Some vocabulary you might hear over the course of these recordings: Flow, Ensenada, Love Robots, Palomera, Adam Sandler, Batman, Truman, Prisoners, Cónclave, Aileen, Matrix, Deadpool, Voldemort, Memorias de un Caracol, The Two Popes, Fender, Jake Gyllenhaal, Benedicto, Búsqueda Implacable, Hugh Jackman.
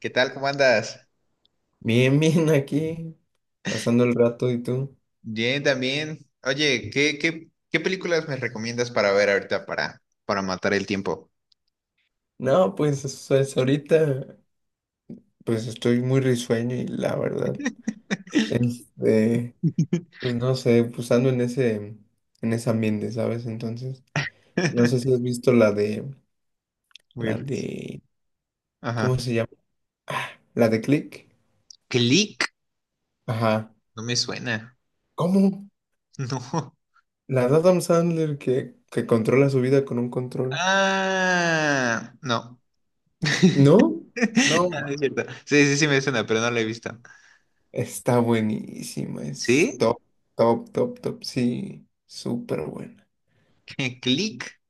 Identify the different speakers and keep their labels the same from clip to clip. Speaker 1: ¿Qué tal? ¿Cómo andas?
Speaker 2: Bien, bien, aquí, pasando el rato. ¿Y tú?
Speaker 1: Bien, también. Oye, ¿qué películas me recomiendas para ver ahorita para matar el tiempo?
Speaker 2: No, pues, o es ahorita, pues estoy muy risueño y la verdad, este, pues no sé, pues ando en ese, ambiente, ¿sabes? Entonces, no sé si has visto la de,
Speaker 1: Muy
Speaker 2: la
Speaker 1: r-
Speaker 2: de,
Speaker 1: Ajá.
Speaker 2: ¿cómo se llama? Ah, la de Click.
Speaker 1: ¿Click?
Speaker 2: Ajá.
Speaker 1: No me suena.
Speaker 2: ¿Cómo?
Speaker 1: No.
Speaker 2: La de Adam Sandler que controla su vida con un control.
Speaker 1: Ah, no.
Speaker 2: ¿No?
Speaker 1: Ah,
Speaker 2: No.
Speaker 1: no es cierto. Sí, sí, sí me suena, pero no la he visto.
Speaker 2: Está buenísima, es
Speaker 1: ¿Sí?
Speaker 2: top, top, top, top, sí, súper buena.
Speaker 1: ¿Click?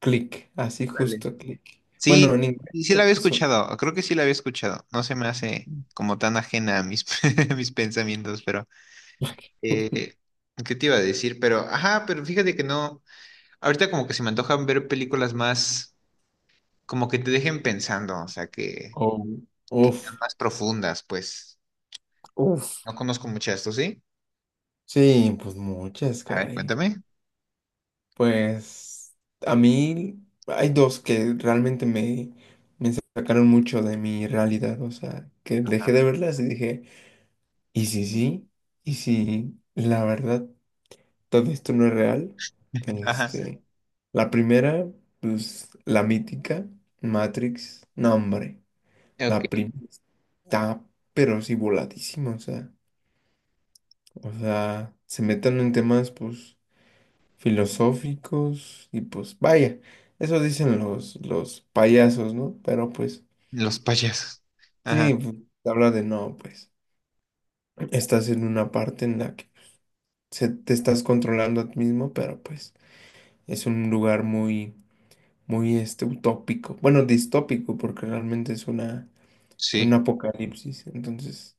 Speaker 2: Click, así
Speaker 1: Órale.
Speaker 2: justo click. Bueno,
Speaker 1: Sí,
Speaker 2: en inglés
Speaker 1: sí, sí la
Speaker 2: creo
Speaker 1: había
Speaker 2: que eso.
Speaker 1: escuchado. Creo que sí la había escuchado. No se me hace como tan ajena a mis, a mis pensamientos, pero. Eh, ¿Qué te iba a decir? Pero, ajá, pero fíjate que no. Ahorita como que se me antojan ver películas más, como que te dejen pensando, o sea, que,
Speaker 2: Oh,
Speaker 1: que sean
Speaker 2: uf,
Speaker 1: más profundas, pues.
Speaker 2: uf.
Speaker 1: No conozco mucho esto, ¿sí?
Speaker 2: Sí, pues muchas,
Speaker 1: A ver,
Speaker 2: caray.
Speaker 1: cuéntame.
Speaker 2: Pues a mí hay dos que realmente me sacaron mucho de mi realidad, o sea, que
Speaker 1: Ajá.
Speaker 2: dejé de verlas y dije, ¿y si sí? ¿Y si la verdad todo esto no es real?
Speaker 1: Ajá.
Speaker 2: Este, la primera, pues la mítica Matrix, no, hombre,
Speaker 1: Ok.
Speaker 2: la primera está pero sí voladísima, o sea, se metan en temas pues filosóficos y pues vaya, eso dicen los payasos, ¿no? Pero pues
Speaker 1: Los payasos. Ajá.
Speaker 2: sí, pues habla de, no, pues estás en una parte en la que se, te estás controlando a ti mismo, pero pues es un lugar muy muy este utópico, bueno, distópico, porque realmente es una, un
Speaker 1: Sí,
Speaker 2: apocalipsis. Entonces,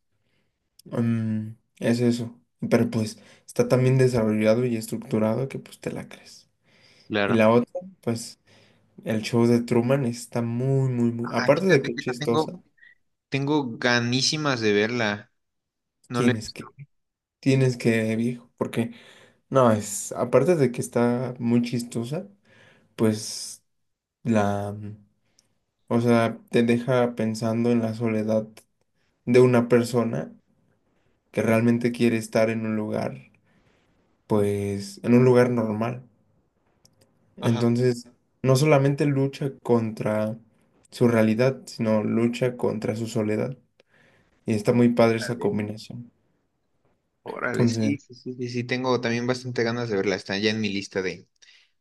Speaker 2: mm, es eso, pero pues está tan bien desarrollado y estructurado que pues te la crees. Y
Speaker 1: claro.
Speaker 2: la otra, pues el show de Truman está muy, muy, muy,
Speaker 1: Ah,
Speaker 2: aparte de que
Speaker 1: fíjate
Speaker 2: es
Speaker 1: que esa tengo,
Speaker 2: chistosa,
Speaker 1: tengo ganísimas de verla. No le.
Speaker 2: tienes que, tienes que, viejo, porque no, es, aparte de que está muy chistosa, pues la, o sea, te deja pensando en la soledad de una persona que realmente quiere estar en un lugar, pues, en un lugar normal.
Speaker 1: Ajá.
Speaker 2: Entonces, no solamente lucha contra su realidad, sino lucha contra su soledad. Y está muy padre esa
Speaker 1: Órale,
Speaker 2: combinación.
Speaker 1: órale, sí,
Speaker 2: Entonces,
Speaker 1: sí, sí, sí, sí, tengo también bastante ganas de verla. Está ya en mi lista de,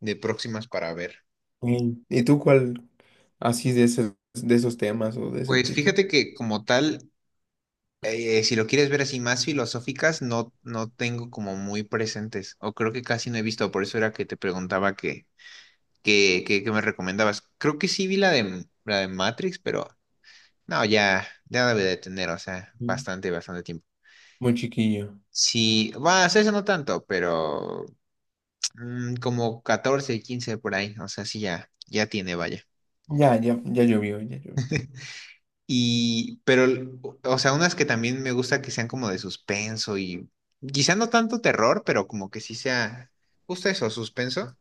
Speaker 1: de próximas para ver.
Speaker 2: mm, ¿y tú cuál así de ese, de esos temas o de ese
Speaker 1: Pues
Speaker 2: tipo?
Speaker 1: fíjate que como tal, si lo quieres ver así más filosóficas, no, no tengo como muy presentes, o creo que casi no he visto, por eso era que te preguntaba que, me recomendabas. Creo que sí vi la de Matrix, pero no, ya, ya debe de tener, o sea,
Speaker 2: Mm.
Speaker 1: bastante, bastante tiempo.
Speaker 2: Muy chiquillo.
Speaker 1: Sí, va, o sea, eso no tanto, pero como 14 15 por ahí, o sea, sí ya, ya tiene, vaya.
Speaker 2: Ya, ya, ya llovió, ya llovió.
Speaker 1: Y, pero, o sea, unas que también me gusta que sean como de suspenso y quizá no tanto terror, pero como que sí sea justo eso, suspenso.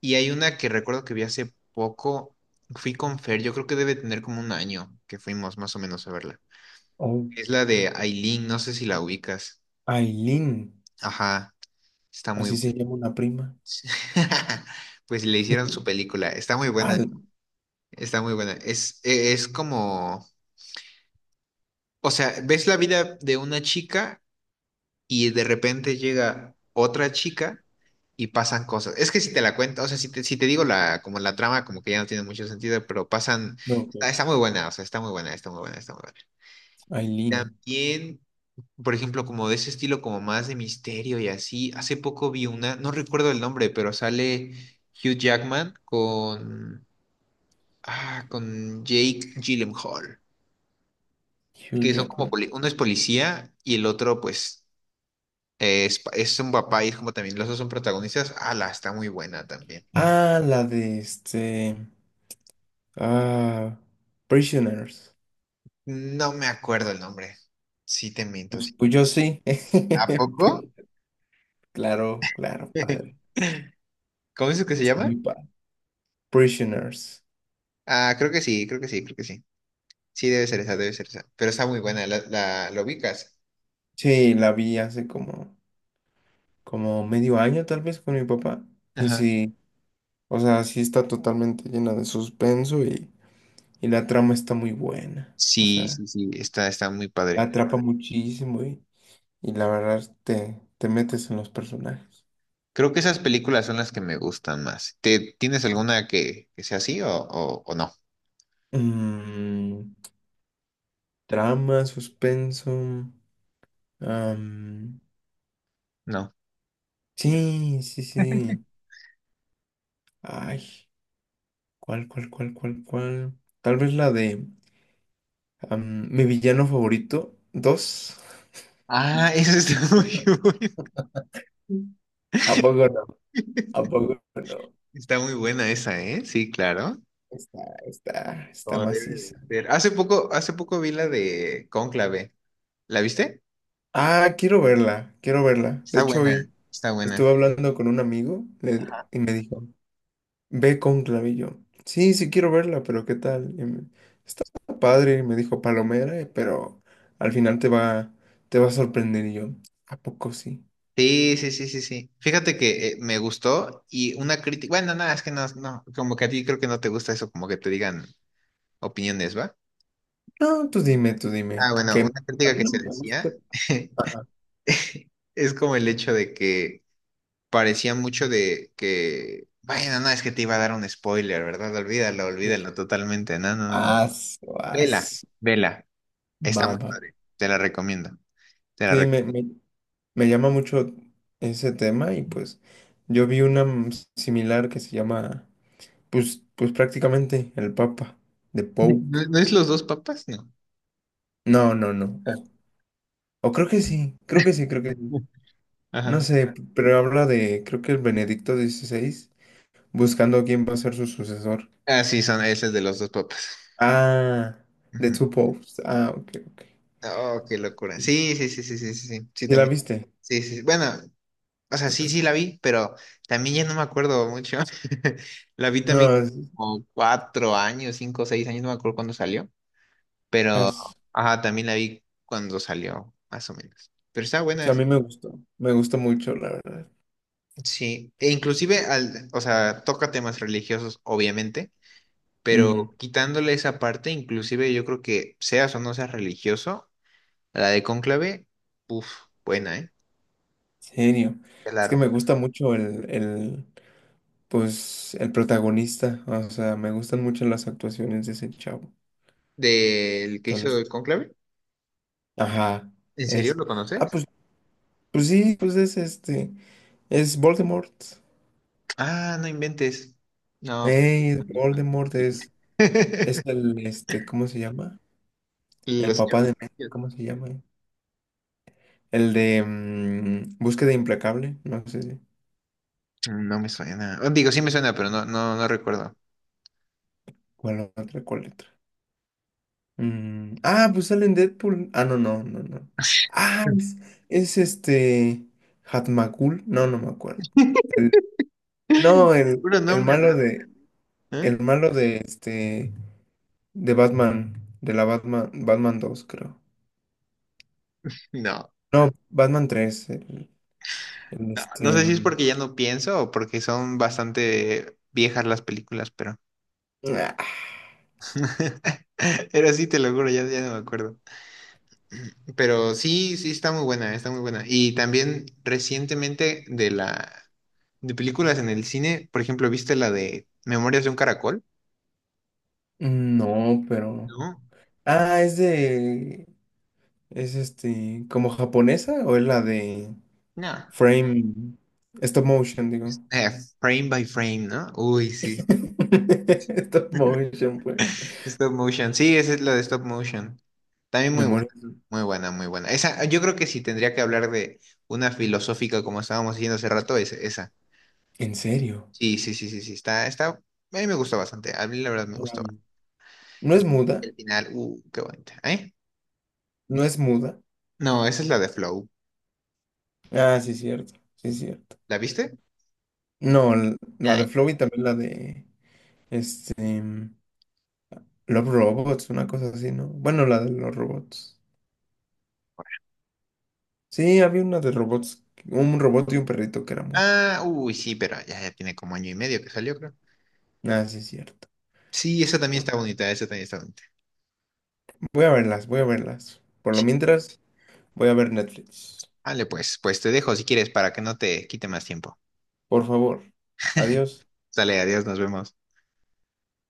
Speaker 1: Y hay una que recuerdo que vi hace poco, fui con Fer, yo creo que debe tener como un año que fuimos más o menos a verla.
Speaker 2: Oh,
Speaker 1: Es la de Aileen, no sé si la ubicas.
Speaker 2: Aileen,
Speaker 1: Ajá, está muy
Speaker 2: así
Speaker 1: buena.
Speaker 2: se llama una prima.
Speaker 1: Pues le
Speaker 2: Sí.
Speaker 1: hicieron su película, está muy buena,
Speaker 2: Al,
Speaker 1: está muy buena. Es como, o sea, ves la vida de una chica y de repente llega otra chica y pasan cosas. Es que si te la cuento, o sea, si te, digo la, como la trama, como que ya no tiene mucho sentido, pero pasan,
Speaker 2: no, ok.
Speaker 1: está muy buena, o sea, está muy buena, está muy buena, está muy buena.
Speaker 2: Aileen,
Speaker 1: También, por ejemplo, como de ese estilo, como más de misterio y así, hace poco vi una, no recuerdo el nombre, pero sale Hugh Jackman con Jake Gyllenhaal,
Speaker 2: Hugh
Speaker 1: que son como,
Speaker 2: Jackman.
Speaker 1: uno es policía y el otro, pues, Es un papá y es como también los dos son protagonistas. La está muy buena también.
Speaker 2: Ah, la de este. Ah, Prisoners.
Speaker 1: No me acuerdo el nombre. Sí te miento, sí te
Speaker 2: Pues
Speaker 1: miento.
Speaker 2: yo sí.
Speaker 1: ¿A poco?
Speaker 2: Pri-, claro, claro, padre.
Speaker 1: ¿Cómo es que se
Speaker 2: Está
Speaker 1: llama?
Speaker 2: muy padre. Prisoners.
Speaker 1: Ah, creo que sí, creo que sí, creo que sí. Sí, debe ser esa, debe ser esa. Pero está muy buena, la, ¿lo ubicas?
Speaker 2: Sí, la vi hace como, como medio año tal vez con mi papá. Y
Speaker 1: Ajá.
Speaker 2: sí, o sea, sí está totalmente llena de suspenso y la trama está muy buena. O
Speaker 1: Sí,
Speaker 2: sea,
Speaker 1: sí, sí, está muy
Speaker 2: la
Speaker 1: padre.
Speaker 2: atrapa muchísimo y la verdad te, te metes en los personajes.
Speaker 1: Creo que esas películas son las que me gustan más. ¿Tienes alguna que sea así o no?
Speaker 2: Mm, trama, suspenso. Am,
Speaker 1: No.
Speaker 2: sí, sí, sí. Ay, ¿cuál, cuál, cuál, cuál, cuál? Tal vez la de, am, Mi Villano Favorito 2.
Speaker 1: Ah, esa está muy buena.
Speaker 2: ¿A poco no? ¿A poco no?
Speaker 1: Está muy buena esa, ¿eh? Sí, claro.
Speaker 2: Está, está, está
Speaker 1: Como debe
Speaker 2: maciza.
Speaker 1: de ser. Hace poco vi la de Cónclave. ¿La viste?
Speaker 2: Ah, quiero verla, quiero verla. De
Speaker 1: Está
Speaker 2: hecho, hoy
Speaker 1: buena, está buena.
Speaker 2: estuve hablando con un amigo le-
Speaker 1: Ajá.
Speaker 2: y me dijo. Ve con clavillo. Sí, sí quiero verla, pero ¿qué tal? Y me-, está padre, me dijo Palomera, pero al final te va a sorprender. Y yo, ¿a poco sí?
Speaker 1: Sí, sí, sí, sí, sí. Fíjate que me gustó y una crítica. Bueno, nada, es que no, como que a ti creo que no te gusta eso, como que te digan opiniones, ¿va?
Speaker 2: No, tú dime, tú
Speaker 1: Ah,
Speaker 2: dime.
Speaker 1: bueno,
Speaker 2: Que
Speaker 1: una
Speaker 2: a
Speaker 1: crítica
Speaker 2: mí
Speaker 1: que
Speaker 2: no me
Speaker 1: se
Speaker 2: gusta.
Speaker 1: decía
Speaker 2: Ah,
Speaker 1: es como el hecho de que parecía mucho de que, bueno, no, es que te iba a dar un spoiler, ¿verdad? Olvídalo, olvídalo totalmente. No, no, no, no.
Speaker 2: as,
Speaker 1: Vela,
Speaker 2: as,
Speaker 1: vela. Está muy
Speaker 2: baba.
Speaker 1: padre. Te la recomiendo. te la
Speaker 2: Sí,
Speaker 1: rec-
Speaker 2: me, me llama mucho ese tema y pues yo vi una, mm, similar que se llama, pues, pues prácticamente el Papa, de Pope.
Speaker 1: ¿No, no es los dos papas? No.
Speaker 2: No, no, no. O creo que sí, creo que sí, creo que sí. No
Speaker 1: Ajá.
Speaker 2: sé, p- pero habla de, creo que el Benedicto XVI buscando quién va a ser su sucesor.
Speaker 1: Ah, sí, son, ese es de los dos papas.
Speaker 2: Ah, The
Speaker 1: Ujú.
Speaker 2: Two Popes. Ah, ok, ok.
Speaker 1: Oh, qué locura.
Speaker 2: Sí.
Speaker 1: Sí, sí, sí, sí, sí, sí, sí, sí,
Speaker 2: ¿Y la
Speaker 1: también.
Speaker 2: viste?
Speaker 1: Sí, sí, sí. Bueno, o sea, sí, sí la vi, pero también ya no me acuerdo mucho. La vi
Speaker 2: No,
Speaker 1: también
Speaker 2: es-
Speaker 1: como 4 años, 5, 6 años, no me acuerdo cuándo salió, pero,
Speaker 2: as-
Speaker 1: ajá, también la vi cuando salió, más o menos. Pero está buena.
Speaker 2: a mí me gustó mucho, la verdad.
Speaker 1: Sí, e inclusive, o sea, toca temas religiosos, obviamente. Pero
Speaker 2: Ujú,
Speaker 1: quitándole esa parte, inclusive yo creo que seas o no seas religioso, la de Cónclave, uff, buena, ¿eh?
Speaker 2: serio.
Speaker 1: De
Speaker 2: Es
Speaker 1: La,
Speaker 2: que me gusta mucho el, pues, el protagonista. O sea, me gustan mucho las actuaciones de ese chavo.
Speaker 1: del que hizo
Speaker 2: Entonces,
Speaker 1: el Cónclave,
Speaker 2: ajá,
Speaker 1: ¿en serio
Speaker 2: es.
Speaker 1: lo
Speaker 2: Ah,
Speaker 1: conoces?
Speaker 2: pues pues sí, pues es este, es Voldemort.
Speaker 1: Ah, no inventes. No, pues,
Speaker 2: Ey, es
Speaker 1: no.
Speaker 2: Voldemort, es el, este, ¿cómo se llama? El
Speaker 1: Los que-
Speaker 2: papá de, ¿cómo se llama? El de, mm, Búsqueda Implacable, no sé,
Speaker 1: No me suena. Oh, digo, sí me suena, pero no, no, no recuerdo.
Speaker 2: ¿cuál otra, cuál letra? Mm, ah, pues sale en Deadpool. Ah, no, no, no, no. Ah, es este, Hatmakul, no, no me acuerdo. El- no,
Speaker 1: Puro nombre raro, ¿eh?
Speaker 2: el malo de, este, de Batman, de la Batman, Batman 2, creo.
Speaker 1: No,
Speaker 2: No, Batman 3, el-, el
Speaker 1: no, no
Speaker 2: este,
Speaker 1: sé si es
Speaker 2: mm,
Speaker 1: porque ya no pienso o porque son bastante viejas las películas, pero.
Speaker 2: ah,
Speaker 1: Era así, te lo juro, ya, ya no me acuerdo. Pero sí, sí, está muy buena, está muy buena. Y también recientemente de la de películas en el cine, por ejemplo, ¿viste la de Memorias de un Caracol?
Speaker 2: no, pero.
Speaker 1: No.
Speaker 2: Ah, es de. Es este. ¿Como japonesa o es la de
Speaker 1: No.
Speaker 2: frame? Stop motion, digo.
Speaker 1: Es- eh, frame by frame, ¿no? Uy, sí.
Speaker 2: Stop motion, pues.
Speaker 1: Stop motion. Sí, esa es la de stop motion. También muy buena,
Speaker 2: Memoria.
Speaker 1: muy buena, muy buena. Esa, yo creo que sí tendría que hablar de una filosófica como estábamos diciendo hace rato, es esa.
Speaker 2: ¿En serio?
Speaker 1: Sí, sí, sí, sí, sí. Está. A mí me gusta bastante. A mí la verdad me
Speaker 2: No la
Speaker 1: gusta.
Speaker 2: vi. ¿No es
Speaker 1: Y
Speaker 2: muda?
Speaker 1: el final, qué bonita. ¿Eh?
Speaker 2: ¿No es muda?
Speaker 1: No, esa es la de Flow.
Speaker 2: Ah, sí, cierto. Sí, cierto.
Speaker 1: ¿La viste?
Speaker 2: No, l- la
Speaker 1: Ya.
Speaker 2: de Flow y también la de. Este. Mm, Love Robots, una cosa así, ¿no? Bueno, la de los robots. Sí, había una de robots, un robot y un perrito que era muda.
Speaker 1: Ah, uy, sí, pero ya, ya tiene como año y medio que salió, creo.
Speaker 2: Ah, sí, es cierto.
Speaker 1: Sí, esa también está bonita, esa también está bonita.
Speaker 2: Voy a verlas, voy a verlas. Por lo
Speaker 1: Sí.
Speaker 2: mientras, voy a ver Netflix.
Speaker 1: Vale, pues te dejo si quieres para que no te quite más tiempo.
Speaker 2: Por favor. Adiós.
Speaker 1: Dale, adiós, nos vemos.